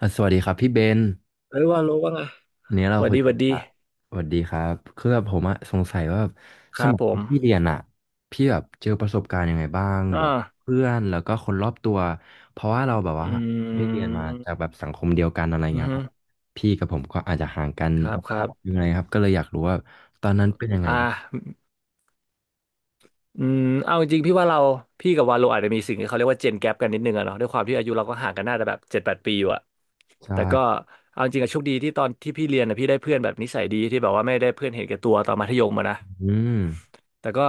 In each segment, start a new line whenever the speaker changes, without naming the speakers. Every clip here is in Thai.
อ่ะสวัสดีครับพี่เบน
เอ้ยว่ารู้ว่าไง
อันนี้เรา
หวัด
คุย
ดี
กั
หวัด
น
ดี
ละสวัสดีครับคือแบบผมอะสงสัยว่าแบบ
ค
ส
รับ
มัย
ผ
ที่
ม
พี่เรียนอะพี่แบบเจอประสบการณ์ยังไงบ้าง
อ่
แบบ
า
เพื่อนแล้วก็คนรอบตัวเพราะว่าเราแบบ
อื
ว่าได้เรียนมาจาก
ม
แบบสังคมเดียวกันอะไร
อือ
เงี้ย
ฮึ
ครับพี่กับผมก็อาจจะห่างกัน
ครับครับ
ยังไงครับก็เลยอยากรู้ว่าตอนนั้นเป็นยังไง
อ่
บ้าง
าอืมเอาจริงๆพี่ว่าเราพี่กับวาโลอาจจะมีสิ่งที่เขาเรียกว่าเจนแก p กันนิดนึงอะเนาะด้วยความที่อายุเราก็ห่างกันน่าจะแบบ7-8 ปีอยู่อะแต่ก็
ใช่
เอาจริงอะโชคดีที่ตอนที่พี่เรียนอะพี่ได้เพื่อนแบบนิสัยดีที่แบบว่าไม่ได้เพื่อนเห็นแก่ตัวตอนมัธยมอะนะ
อืม
แต่ก็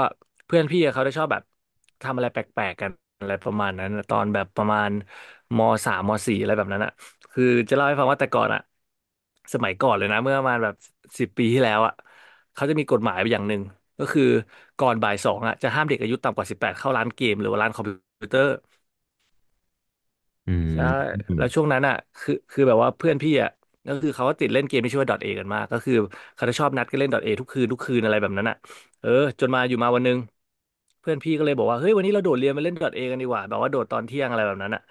เพื่อนพี่อะเขาจะชอบแบบทำอะไรแปลกๆกันอะไรประมาณนั้นอะตอนแบบประมาณมสามสี่อะไรแบบนั้นอ่ะคือจะเล่าให้ฟังว่าแต่ก่อนอ่ะสมัยก่อนเลยนะเมื่อประมาณแบบ10 ปีที่แล้วอ่ะเขาจะมีกฎหมายอย่างหนึ่งก็คือก่อนบ่ายสองอ่ะจะห้ามเด็กอายุต่ำกว่า18เข้าร้านเกมหรือว่าร้านคอมพิวเตอร์
อืม
ใช่
อืม
แล้วช่วงนั้นอ่ะคือแบบว่าเพื่อนพี่อ่ะก็คือเขาก็ติดเล่นเกมที่ชื่อว่า .A กันมากก็คือเขาจะชอบนัดกันเล่น .A ทุกคืนทุกคืนอะไรแบบนั้นอ่ะเออจนมาอยู่มาวันหนึงเพื่อนพี่ก็เลยบอกว่าเฮ้ยวันนี้เราโดดเรียนไปเล่น .A กันดีกว่าแบบว่าโดดตอนเที่ยงอะไรแบบนั้นอ่ะ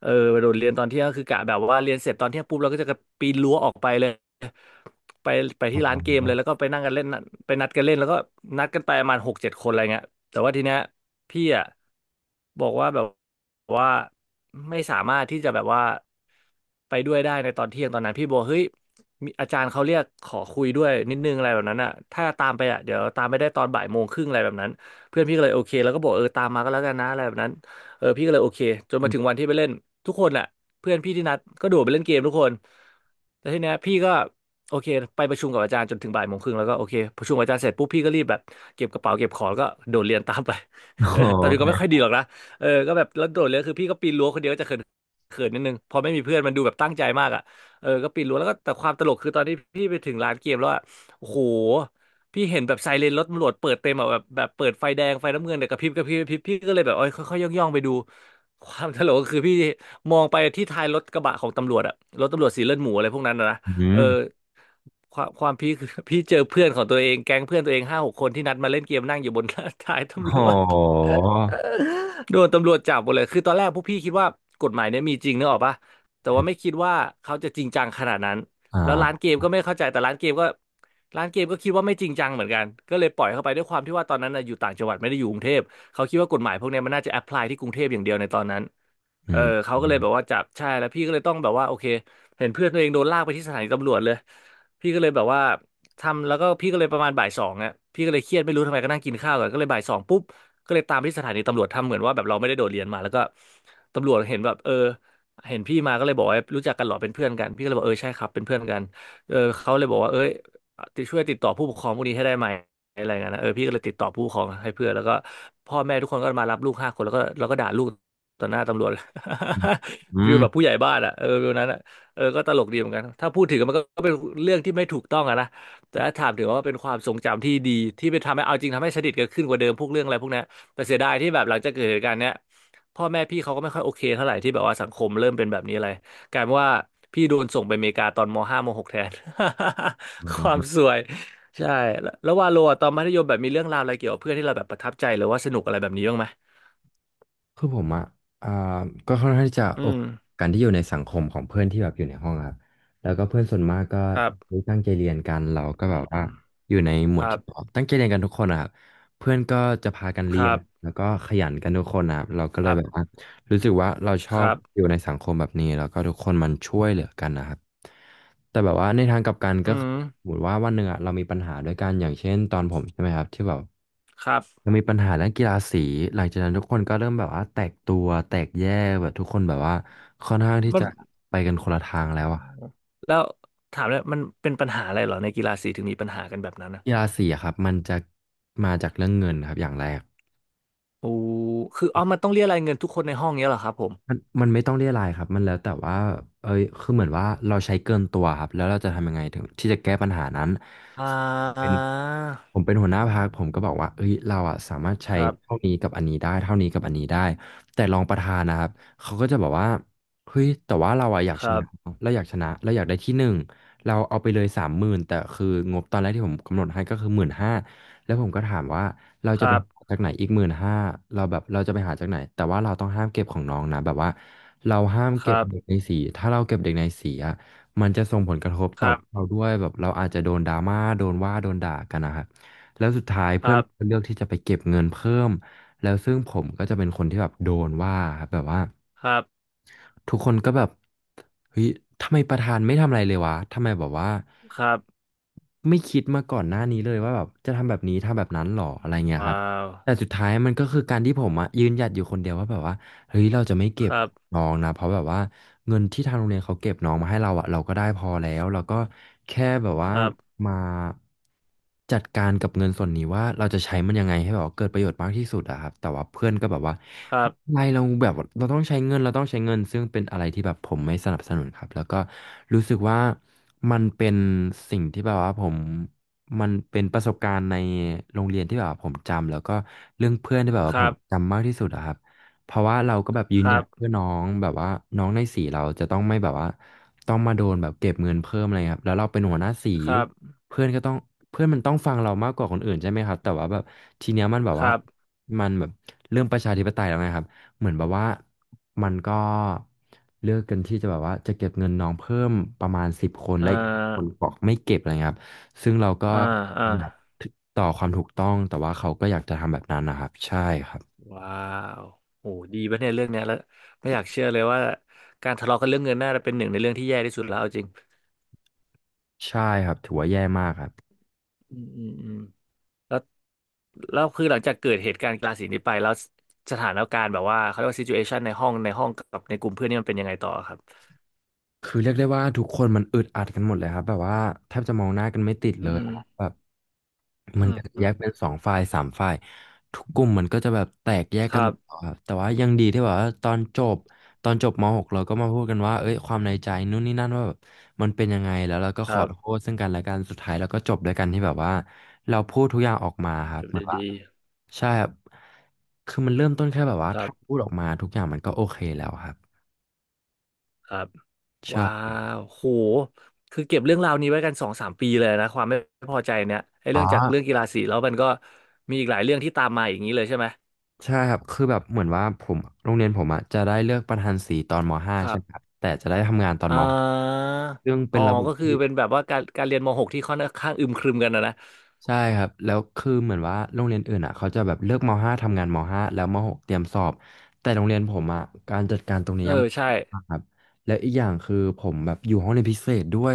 เออโดดเรียนตอนเที่ยงก็คือกะแบบว่าเรียนเสร็จตอนเที่ยงปุ๊บเราก็จะกระปีนรั้วออกไปเลยไปไป
ป
ที่
ระ
ร้า
มา
น
ณ
เกมเล
ว่า
ยแล้วก็ไปนั่งกันเล่นไปนัดกันเล่นแล้วก็นัดกันไปประมาณ6-7 คนอะไรเงี้ย แต่ว่าทีเนี้ยพี่อ่ะบอกว่าแบบว่าไม่สามารถที่จะแบบว่าไปด้วยได้ในตอนเที่ยงตอนนั้นพี่บอกเฮ้ยมีอาจารย์เขาเรียกขอคุยด้วยนิดนึงอะไรแบบนั้นอ่ะถ้าตามไปอ่ะเดี๋ยวตามไม่ได้ตอนบ่ายโมงครึ่งอะไรแบบนั้นเพื่อนพี่ก็เลยโอเคแล้วก็บอกเออตามมาก็แล้วกันนะอะไรแบบนั้นเออพี่ก็เลยโอเคจน
อื
มา
ม
ถึงวันที่ไปเล่นทุกคนแหละเพื่อนพี่ที่นัดก็โดดไปเล่นเกมทุกคนแต่ทีเนี้ยพี่ก็โอเคไปประชุมกับอาจารย์จนถึงบ่ายโมงครึ่งแล้วก็โอเคประชุมกับอาจารย์เสร็จปุ๊บพี่ก็รีบแบบ เก็บกระเป๋าเก็บของแล้วก็โดดเรียนตามไป
โอ
ตอนนี้ก็ไม่ค่
เค
อยดีหรอกนะเออก็แบบแล้วโดดเรียนคือพี่ก็ปีนรั้วคนเดียวก็จะเขินเขินนิดนึงพอไม่มีเพื่อนมันดูแบบตั้งใจมากอ่ะเออก็ปีนรั้วแล้วก็แต่ความตลกคือตอนที่พี่ไปถึงร้านเกมแล้วอะโอ้โหพี่เห็นแบบไซเรนรถตำรวจเปิดเต็มอะแบบเปิดไฟแดงไฟน้ำเงินเนี่ยกระพริบกระพริบกระพริบพี่ก็เลยแบบเอ้ยค่อยๆย่องๆไปดูความตลกก็คือพี่มองไปที่ท้ายรถกระบะของตำรวจอะรถตำรวจสีเลือดหมูอะไรพวกนั้นนะ
อื
เอ
ม
อความพี่ คือ พี่เจอเพื่อนของตัวเองแก๊งเพื่อนตัวเอง5-6 คนที่นัดมาเล่นเกมนั่งอยู่บน ท้าย
โ
ตำรวจ
ห
โดนตำรวจจับหมดเลยคือตอนแรกพวกพี่คิดว่ากฎหมายเนี่ยมีจริงนึกออกปะแต่ว่าไม่คิดว่าเขาจะจริงจังขนาดนั้น
อ่
แล้วร้านเก
า
มก็ไม่เข้าใจแต่ร้านเกมก็คิดว่าไม่จริงจังเหมือนกันก็เลยปล่อยเข้าไปด้วยความที่ว่าตอนนั้นน่ะอยู่ต่างจังหวัดไม่ได้อยู่กรุงเทพเขาคิดว่ากฎหมายพวกเนี้ยมันน่าจะแอพพลายที่กรุงเทพอย่างเดียวในตอนนั้น
อื
เออเขาก็เลยแบบ
ม
ว่าจับใช่แล้วพี่ก็เลยต้องแบบว่าโอเคเห็นเพื่อนตัวเองโดนลากไปที่สถานีตำรวจเลยพี่ก็เลยแบบว่าทำแล้วก็พี่ก็เลยประมาณบ่ายสองอ่ะพี่ก็เลยเครียดไม่รู้ทำไมก็นั่งกินข้าวกันก็เลยบ่ายสองปุ๊บ ก็เลยตามไปที่สถานีตำรวจทำเหมือนว่าแบบเราไม่ได้โดดเรียนมาแล้วก็ตำรวจเห็นแบบเออเห็นพี่มาก็เลยบอกว่ารู้จักกันเหรอเป็นเพื่อนกันพี่ก็เลยบอกเออใช่ครับเป็นเพื่อนกันเออเขาเลยบอกว่าเอ้ยติดช่วยติดต่อผู้ปกครองพวกนี้ให้ได้ไหมอะไรเงี้ยนะเออพี่ก็เลยติดต่อผู้ปกครองให้เพื่อนแล้วพ่อแม่ทุกคนก็มารับลูก5 คนแล้วก็ด่าลูกต่อหน้าตำรวจ
อืมอื
ฟิ
ม
ลแบบผู้ใหญ่บ้านอ่ะฟิลนั้นอ่ะก็ตลกดีเหมือนกันถ้าพูดถึงมันก็เป็นเรื่องที่ไม่ถูกต้องอะนะแต่ถ้าถามถึงว่าเป็นความทรงจำที่ดีที่ไปทำให้เอาจริงทำให้สนิทกันขึ้นกว่าเดิมพวกเรื่องอะไรพวกนี้ แต่เสียดายที่แบบหลังจากเกิดเหตุการณ์เนี้ยพ่อแม่พี่เขาก็ไม่ค่อยโอเคเท่าไหร่ที่แบบว่าสังคมเริ่มเป็นแบบนี้อะไรกลายเป็นว่าพี่โดนส่งไปอเมริกาตอนม .5 มหกแทน ความสวยใช่แล้ววาโลอะตอนมัธยมแบบมีเรื่องราวอะไรเกี่ยวกับเพื่อนที่เราแบบประทับใจหรือว่าสนุกอะไรแบบนี้บ้างไหม
คือผมอ่ะอ่าก็ค่อนข้างที่จะ
อื
โอค
ม
การที่อยู่ในสังคมของเพื่อนที่แบบอยู่ในห้องอะครับแล้วก็เพื่อนส่วนมากก็
ครับ
ตั้งใจเรียนกันเราก็
อื
แบบว่า
ม
อยู่ในหม
ค
วด
รับ
ที่ตั้งใจเรียนกันทุกคนอะครับเพื่อนก็จะพากัน
ค
เรีย
รั
น
บ
แล้วก็ขยันกันทุกคนนะครับเราก็
ค
เลย
รั
แบบ
บ
ว่า รู้สึกว่าเราช
ค
อบ
รับ
อยู่ในสังคมแบบนี้แล้วก็ทุกคนมันช่วยเหลือกันนะครับแต่แบบว่าในทางกลับกัน
อื
ก็คือ
ม
สมมติว่าวันหนึ่งอะเรามีปัญหาด้วยกันอย่างเช่นตอนผมใช่ไหมครับที่แบบ
ครับ
เรามีปัญหาเรื่องกีฬาสีหลังจากนั้นทุกคนก็เริ่มแบบว่าแตกตัวแตกแยกแบบทุกคนแบบว่าค่อนข้างที่
มัน
จะไปกันคนละทางแล้
โอ้
วอะ
แล้วถามเลยมันเป็นปัญหาอะไรเหรอในกีฬาสีถึงมีปัญหากันแบบนั้นอะ
กีฬาสีอะครับมันจะมาจากเรื่องเงินครับอย่างแรก
โอ้คือเอามันต้องเรียกรายเงินทุกคนในห้องเนี้ยเหรอครับผม
มันไม่ต้องเรียรายครับมันแล้วแต่ว่าเอ้ยคือเหมือนว่าเราใช้เกินตัวครับแล้วเราจะทำยังไงถึงที่จะแก้ปัญหานั้น
อ่
เป็น
า
ผมเป็นหัวหน้าพรรคผมก็บอกว่าเอ้ยเราอะสามารถ
ค
ใช้
รั
เท่า
บ
นี้กับอันนี้ได้เท่านี้กับอันนี้ได้แต่รองประธานนะครับเขาก็จะบอกว่าเฮ้ยแต่ว่าเราอะอยาก
ค
ช
รั
นะ
บ
เราอยากชนะเราอยากได้ที่หนึ่งเราเอาไปเลย30,000แต่คืองบตอนแรกที่ผมกำหนดให้ก็คือหมื่นห้าแล้วผมก็ถามว่าเรา
ค
จะไป
รับ
หาจากไหนอีกหมื่นห้าเราแบบเราจะไปหาจากไหนแต่ว่าเราต้องห้ามเก็บของน้องนะแบบว่าเราห้าม
ค
เก็
รั
บเด็ก
บ
ในสีถ้าเราเก็บเด็กในสีอะมันจะส่งผลกระทบ
ค
ต่อ
รับ
เราด้วยแบบเราอาจจะโดนดราม่าโดนว่าโดนด่ากันนะครับ แล้วสุดท้าย
ค
เพื่อ
รั
น
บ
เลือกที่จะไปเก็บเงินเพิ่มแล้วซึ่งผมก็จะเป็นคนที่แบบโดนว่าครับแบบว่า
ครับ
ทุกคนก็แบบเฮ้ยทำไมประธานไม่ทำอะไรเลยวะทำไมแบบว่า
ครับ
ไม่คิดมาก่อนหน้านี้เลยว่าแบบจะทำแบบนี้ทำแบบนั้นหรออะไรเงี้ยครั
ว้า
บ
ว
แต่สุดท้ายมันก็คือการที่ผมอะยืนหยัดอยู่คนเดียวว่าแบบว่า เฮ้ยเราจะไม่เก็
ค
บ
รับ
น้องนะเพราะแบบว่าเงินที่ทางโรงเรียนเขาเก็บน้องมาให้เราอะเราก็ได้พอแล้วเราก็แค่แบบว่า
ครับ
มาจัดการกับเงินส่วนนี้ว่าเราจะใช้มันยังไงให้แบบว่าเกิดประโยชน์มากที่สุดอะครับแต่ว่าเพื่อนก็แบบว่า
ครับ
ไม่เราแบบเราต้องใช้เงินเราต้องใช้เงินซึ่งเป็นอะไรที่แบบผมไม่สนับสนุนครับแล้วก็รู้สึกว่ามันเป็นสิ่งที่แบบว่าผมมันเป็นประสบการณ์ในโรงเรียนที่แบบว่าผมจำแล้วก็เรื่องเพื่อนที่แบบ
ค
ว่าผ
รั
ม
บ
จำมากที่สุดอะครับ เพราะว่าเราก็แบบยื
ค
นห
รั
ยัด
บ
เพื่อน้องแบบว่าน้องในสีเราจะต้องไม่แบบว่าต้องมาโดนแบบเก็บเงินเพิ่มอะไรครับแล้วเราเป็นหัวหน้าสี
ครับ
เพื่อนก็ต้องเพื่อนมันต้องฟังเรามากกว่าคนอื่นใช่ไหมครับแต่ว่าแบบทีเนี้ยมันแบบ
ค
ว่า
รับ
มันแบบเรื่องประชาธิปไตยแล้วไงครับเหมือนแบบว่ามันก็เลือกกันที่จะแบบว่าจะเก็บเงินน้องเพิ่มประมาณ10 คน
อ่
และอีก5 คน
า
บอกไม่เก็บอะไรเงี้ยครับซึ่งเราก็
อ่าอ่า
อยากต่อความถูกต้องแต่ว่าเขาก็อยากจะทำแบบนั้นนะครับใช่ครับ
ว้าวโอ้ดีปะเนี่ยเรื่องเนี้ยแล้วไม่อยากเชื่อเลยว่าการทะเลาะกันเรื่องเงินน่าจะเป็นหนึ่งในเรื่องที่แย่ที่สุดแล้วเอาจริง
ใช่ครับถือว่าแย่มากครับ
อืมอืมอืมแล้ว แล้วคือหลังจากเกิดเหตุการณ์กลาสีนี้ไปแล้วสถานการณ์แบบว่าเขาเรียกว่าซิจูเอชันในห้องกับในกลุ่มเพื่อนนี่มันเป็นยังไงต่อครับ
คือเรียกได้ว่าทุกคนมันอึดอัดกันหมดเลยครับแบบว่าแทบจะมองหน้ากันไม่ติด
อื
เลยครับ
ม
แบบ
อื
มัน
ม
ก็จะ
อื
แย
ม
กเป็นสองฝ่ายสามฝ่ายทุกกลุ่มมันก็จะแบบแตกแยก
ค
กัน
รั
หมด
บ
ครับแต่ว่ายังดีที่แบบว่าตอนจบมหกเราก็มาพูดกันว่าเอ้ยความในใจนู่นนี่นั่นว่าแบบมันเป็นยังไงแล้วเราก็
ค
ข
รั
อโท
บ
ษซึ่งกันและกันสุดท้ายเราก็จบด้วยกันที่แบบว่าเราพูดทุกอย่างออกมาครับ
จบ
เหมือน
ได้
ว่า
ดี
ใช่ครับคือมันเริ่มต้นแค่แบบว่า
ครั
ถ้าพู
บ
ดออกมาทุกอย่างมันก็โอเคแล้วครับ
ครับว้า
ใช่
วโหคือเก็บเรื่องราวนี้ไว้กันสองสามปีเลยนะความไม่พอใจเนี่ยไอ้
อ๋
เรื่
อ
องจากเรื่องกีฬาสีแล้วมันก็มีอีกหลายเรื่องที่ตามมาอย่างนี้เลยใช่ไหม
ใช่ครับคือแบบเหมือนว่าผมโรงเรียนผมอะจะได้เลือกประธานสีตอนมห้า
ครั
ใช่ไหมครับ
บ
แต่จะได้ทำงานตอน
อ่า
ม .6 ซึ่ง
อ๋
เป็
อ
นระบบ
ก็คือ
ที่
เป็นแบบว่าการเรียนมหกที่ค่อนข้างอึมครึมกันนะ
ใช่ครับแล้วคือเหมือนว่าโรงเรียนอื่นอะเขาจะแบบเลือกม .5 ทำงานมห้าแล้วมหกเตรียมสอบแต่โรงเรียนผมอะการจัดการตรงนี้
เออ
ยังไ
ใช่
ม่ครับแล้วอีกอย่างคือผมแบบอยู่ห้องเรียนพิเศษด้วย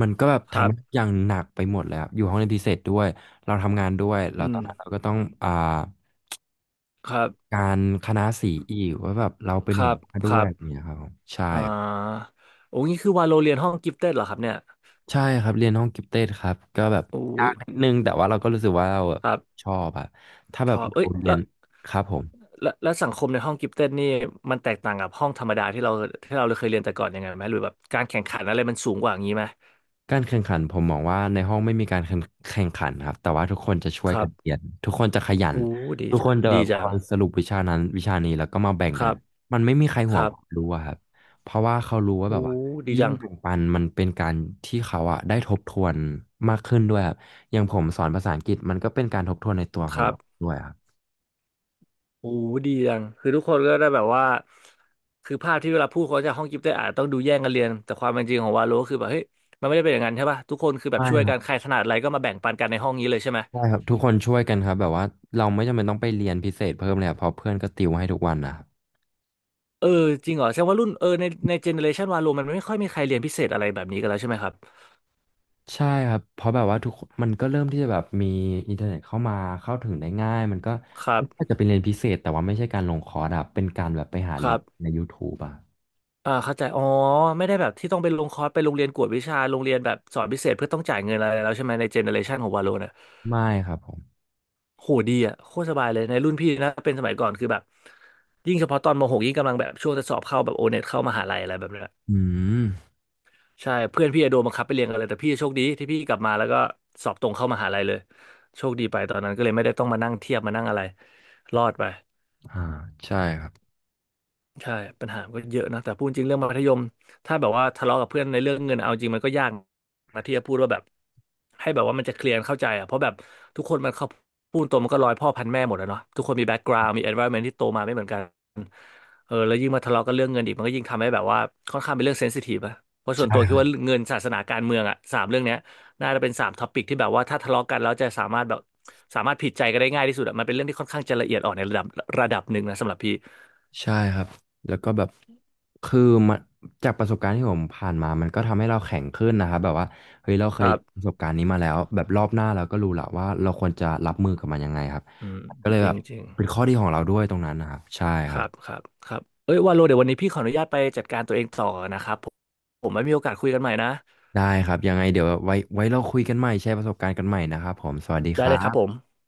มันก็แบบ
ครั
ทำให้
บ
อย่างหนักไปหมดเลยครับอยู่ห้องเรียนพิเศษด้วยเราทำงานด้วยแล้
อื
วตอ
ม
นนั้นเราก็ต้องอ่า
ครับ
การคณะสีอีกว่าแบบเราเป็น
ค
หั
รั
ว
บ
หน้า
ค
ด้ว
รั
ยอะไรอย่าง
บ
เงี้ยครับผมใช่
อ่าโอ้นี่คือวาโลเรียนห้องกิฟเต็ดเหรอครับเนี่ย
ใช่ครับเรียนห้องกิฟเต็ดครับก็แบบ
โอ้
ยา
ย
กนิดนึงแต่ว่าเราก็รู้สึกว่าเรา
ครับ
ชอบอะถ้า
ช
แบบ
อบเอ้
เรา
ย
เรี
แล้
ยน
ว
ครับผม
แล้วสังคมในห้องกิฟเต็ดนี่มันแตกต่างกับห้องธรรมดาที่เราเคยเรียนแต่ก่อนยังไงไหมหรือแบบการแข่งขันอะไรมันสูงกว่าอย่างนี้ไหม
การแข่งขันผมมองว่าในห้องไม่มีการแข่งขันครับแต่ว่าทุกคนจะช่ว
ค
ย
รั
กั
บ
นเรียนทุกคนจะขยัน
โอ้ดี
ทุกค
จัง
นจะ
ดี
แบบค
จั
อ
ง
ยสรุปวิชานั้นวิชานี้แล้วก็มาแบ่ง
ค
กั
รั
น
บ
มันไม่มีใคร
ค
ห่ว
รั
งความ
บ
รู้อะครับเพราะว่าเขารู้ว่า
โอ้
แบบว่า
ดี
ยิ่ง
จัง
แบ่งปันมันเป็นการที่เขาอะได้ทบทวนมากขึ้นด้วยครับอย่างผมสอนภาษาอังกฤษมันก็เป็นการทบทวนในตัว
ค
ของ
รับ
เราด้วยครับ
โอ้ดีจังคือทุกคนก็ได้แบบว่าคือภาพที่เวลาพูดเขาจะห้องกิฟต์ได้อาจต้องดูแย่งกันเรียนแต่ความเป็นจริงของวาโลก็คือแบบเฮ้ยมันไม่ได้เป็นอย่างนั้นใช่ป่ะทุกคนคือแบ
ใช่
บช่วย
ครั
กั
บ
นใครถนัดอะไรก็มาแบ่งปันกันในห้องนี้เลยใช่ไหม
ใช่ครับทุกคนช่วยกันครับแบบว่าเราไม่จำเป็นต้องไปเรียนพิเศษเพิ่มเลยครับเพราะเพื่อนก็ติวให้ทุกวันนะครับ
เออจริงเหรอแสดงว่ารุ่นเออในเจเนอเรชันวาโลมันไม่ค่อยมีใครเรียนพิเศษอะไรแบบนี้กันแล้วใช่ไหมครับ
ใช่ครับเพราะแบบว่าทุกคนมันก็เริ่มที่จะแบบมีอินเทอร์เน็ตเข้ามาเข้าถึงได้ง่ายมันก็
ครั
ไม่ใช่
บ
จะเป็นเรียนพิเศษแต่ว่าไม่ใช่การลงคอร์สอะเป็นการแบบไปหา
ค
เรี
รั
ยน
บ
ใน YouTube อะ
อ่าเข้าใจอ๋อไม่ได้แบบที่ต้องไปลงคอร์สไปโรงเรียนกวดวิชาโรงเรียนแบบสอนพิเศษเพื่อต้องจ่ายเงินอะไรแล้วใช่ไหมในเจเนอเรชันของวาโล
ไม่ครับผม
โหดีอ่ะโคตรสบายเลยในรุ่นพี่นะเป็นสมัยก่อนคือแบบยิ่งเฉพาะตอนม .6 ยิ่งกำลังแบบช่วงจะสอบเข้าแบบโอเน็ตเข้ามหาลัยอะไรแบบเนี้ย
อืม
ใช่เพื่อนพี่อะโดนบังคับไปเรียนกันเลยแต่พี่โชคดีที่พี่กลับมาแล้วก็สอบตรงเข้ามหาลัยเลยโชคดีไปตอนนั้นก็เลยไม่ได้ต้องมานั่งเทียบมานั่งอะไรรอดไป
อ่าใช่ครับ
ใช่ปัญหาก็เยอะนะแต่พูดจริงเรื่องมัธยมถ้าแบบว่าทะเลาะกับเพื่อนในเรื่องเงินเอาจริงมันก็ยากนะที่จะพูดว่าแบบให้แบบว่ามันจะเคลียร์นเข้าใจอ่ะเพราะแบบทุกคนมันเขาพูดตรงมันก็ร้อยพ่อพันแม่หมดอะเนาะทุกคนมีแบ็กกราวด์มี environment ที่โตมาไม่เหมือนกัน เออแล้วยิ่งมาทะเลาะกันเรื่องเงินอีกมันก็ยิ่งทำให้แบบว่าค่อนข้างเป็นเรื่องเซนซิทีฟอะเพราะส่วน
ใช่
ตัว
ค
คิด
รั
ว่า
บ
เงินศาสนาการเมืองอะสามเรื่องเนี้ยน่าจะเป็นสามท็อปิกที่แบบว่าถ้าทะเลาะกันแล้วจะสามารถแบบสามารถผิดใจกันได้ง่ายที่สุดอะมันเป็นเรื่องที่ค่อนข้างจะละเอียดอ่อนในระดับหนึ่งนะสำหรับพี่
ใช่ครับแล้วก็แบบคือมันจากประสบการณ์ที่ผมผ่านมามันก็ทำให้เราแข็งขึ้นนะครับแบบว่าเฮ้ยเราเค
ค
ย
รั
ป
บ
ระสบการณ์นี้มาแล้วแบบรอบหน้าเราก็รู้ละว่าเราควรจะรับมือกับมันยังไงครับ
อืม
ก็เลย
จ
แบ
ริง
บ
จริง
เป็นข้อดีของเราด้วยตรงนั้นนะครับใช่
ค
ครั
รั
บ
บครับครับเอ้ยว่าโลเดี๋ยววันนี้พี่ขออนุญาตไปจัดการตัวเองต่อนะครับผมผมไม่มีโอกาสคุยกันใหม่นะ
ได้ครับยังไงเดี๋ยวไว้เราคุยกันใหม่แชร์ประสบการณ์กันใหม่นะครับผมสวัสดีค
ได้
รั
เลยครับผ
บ
ม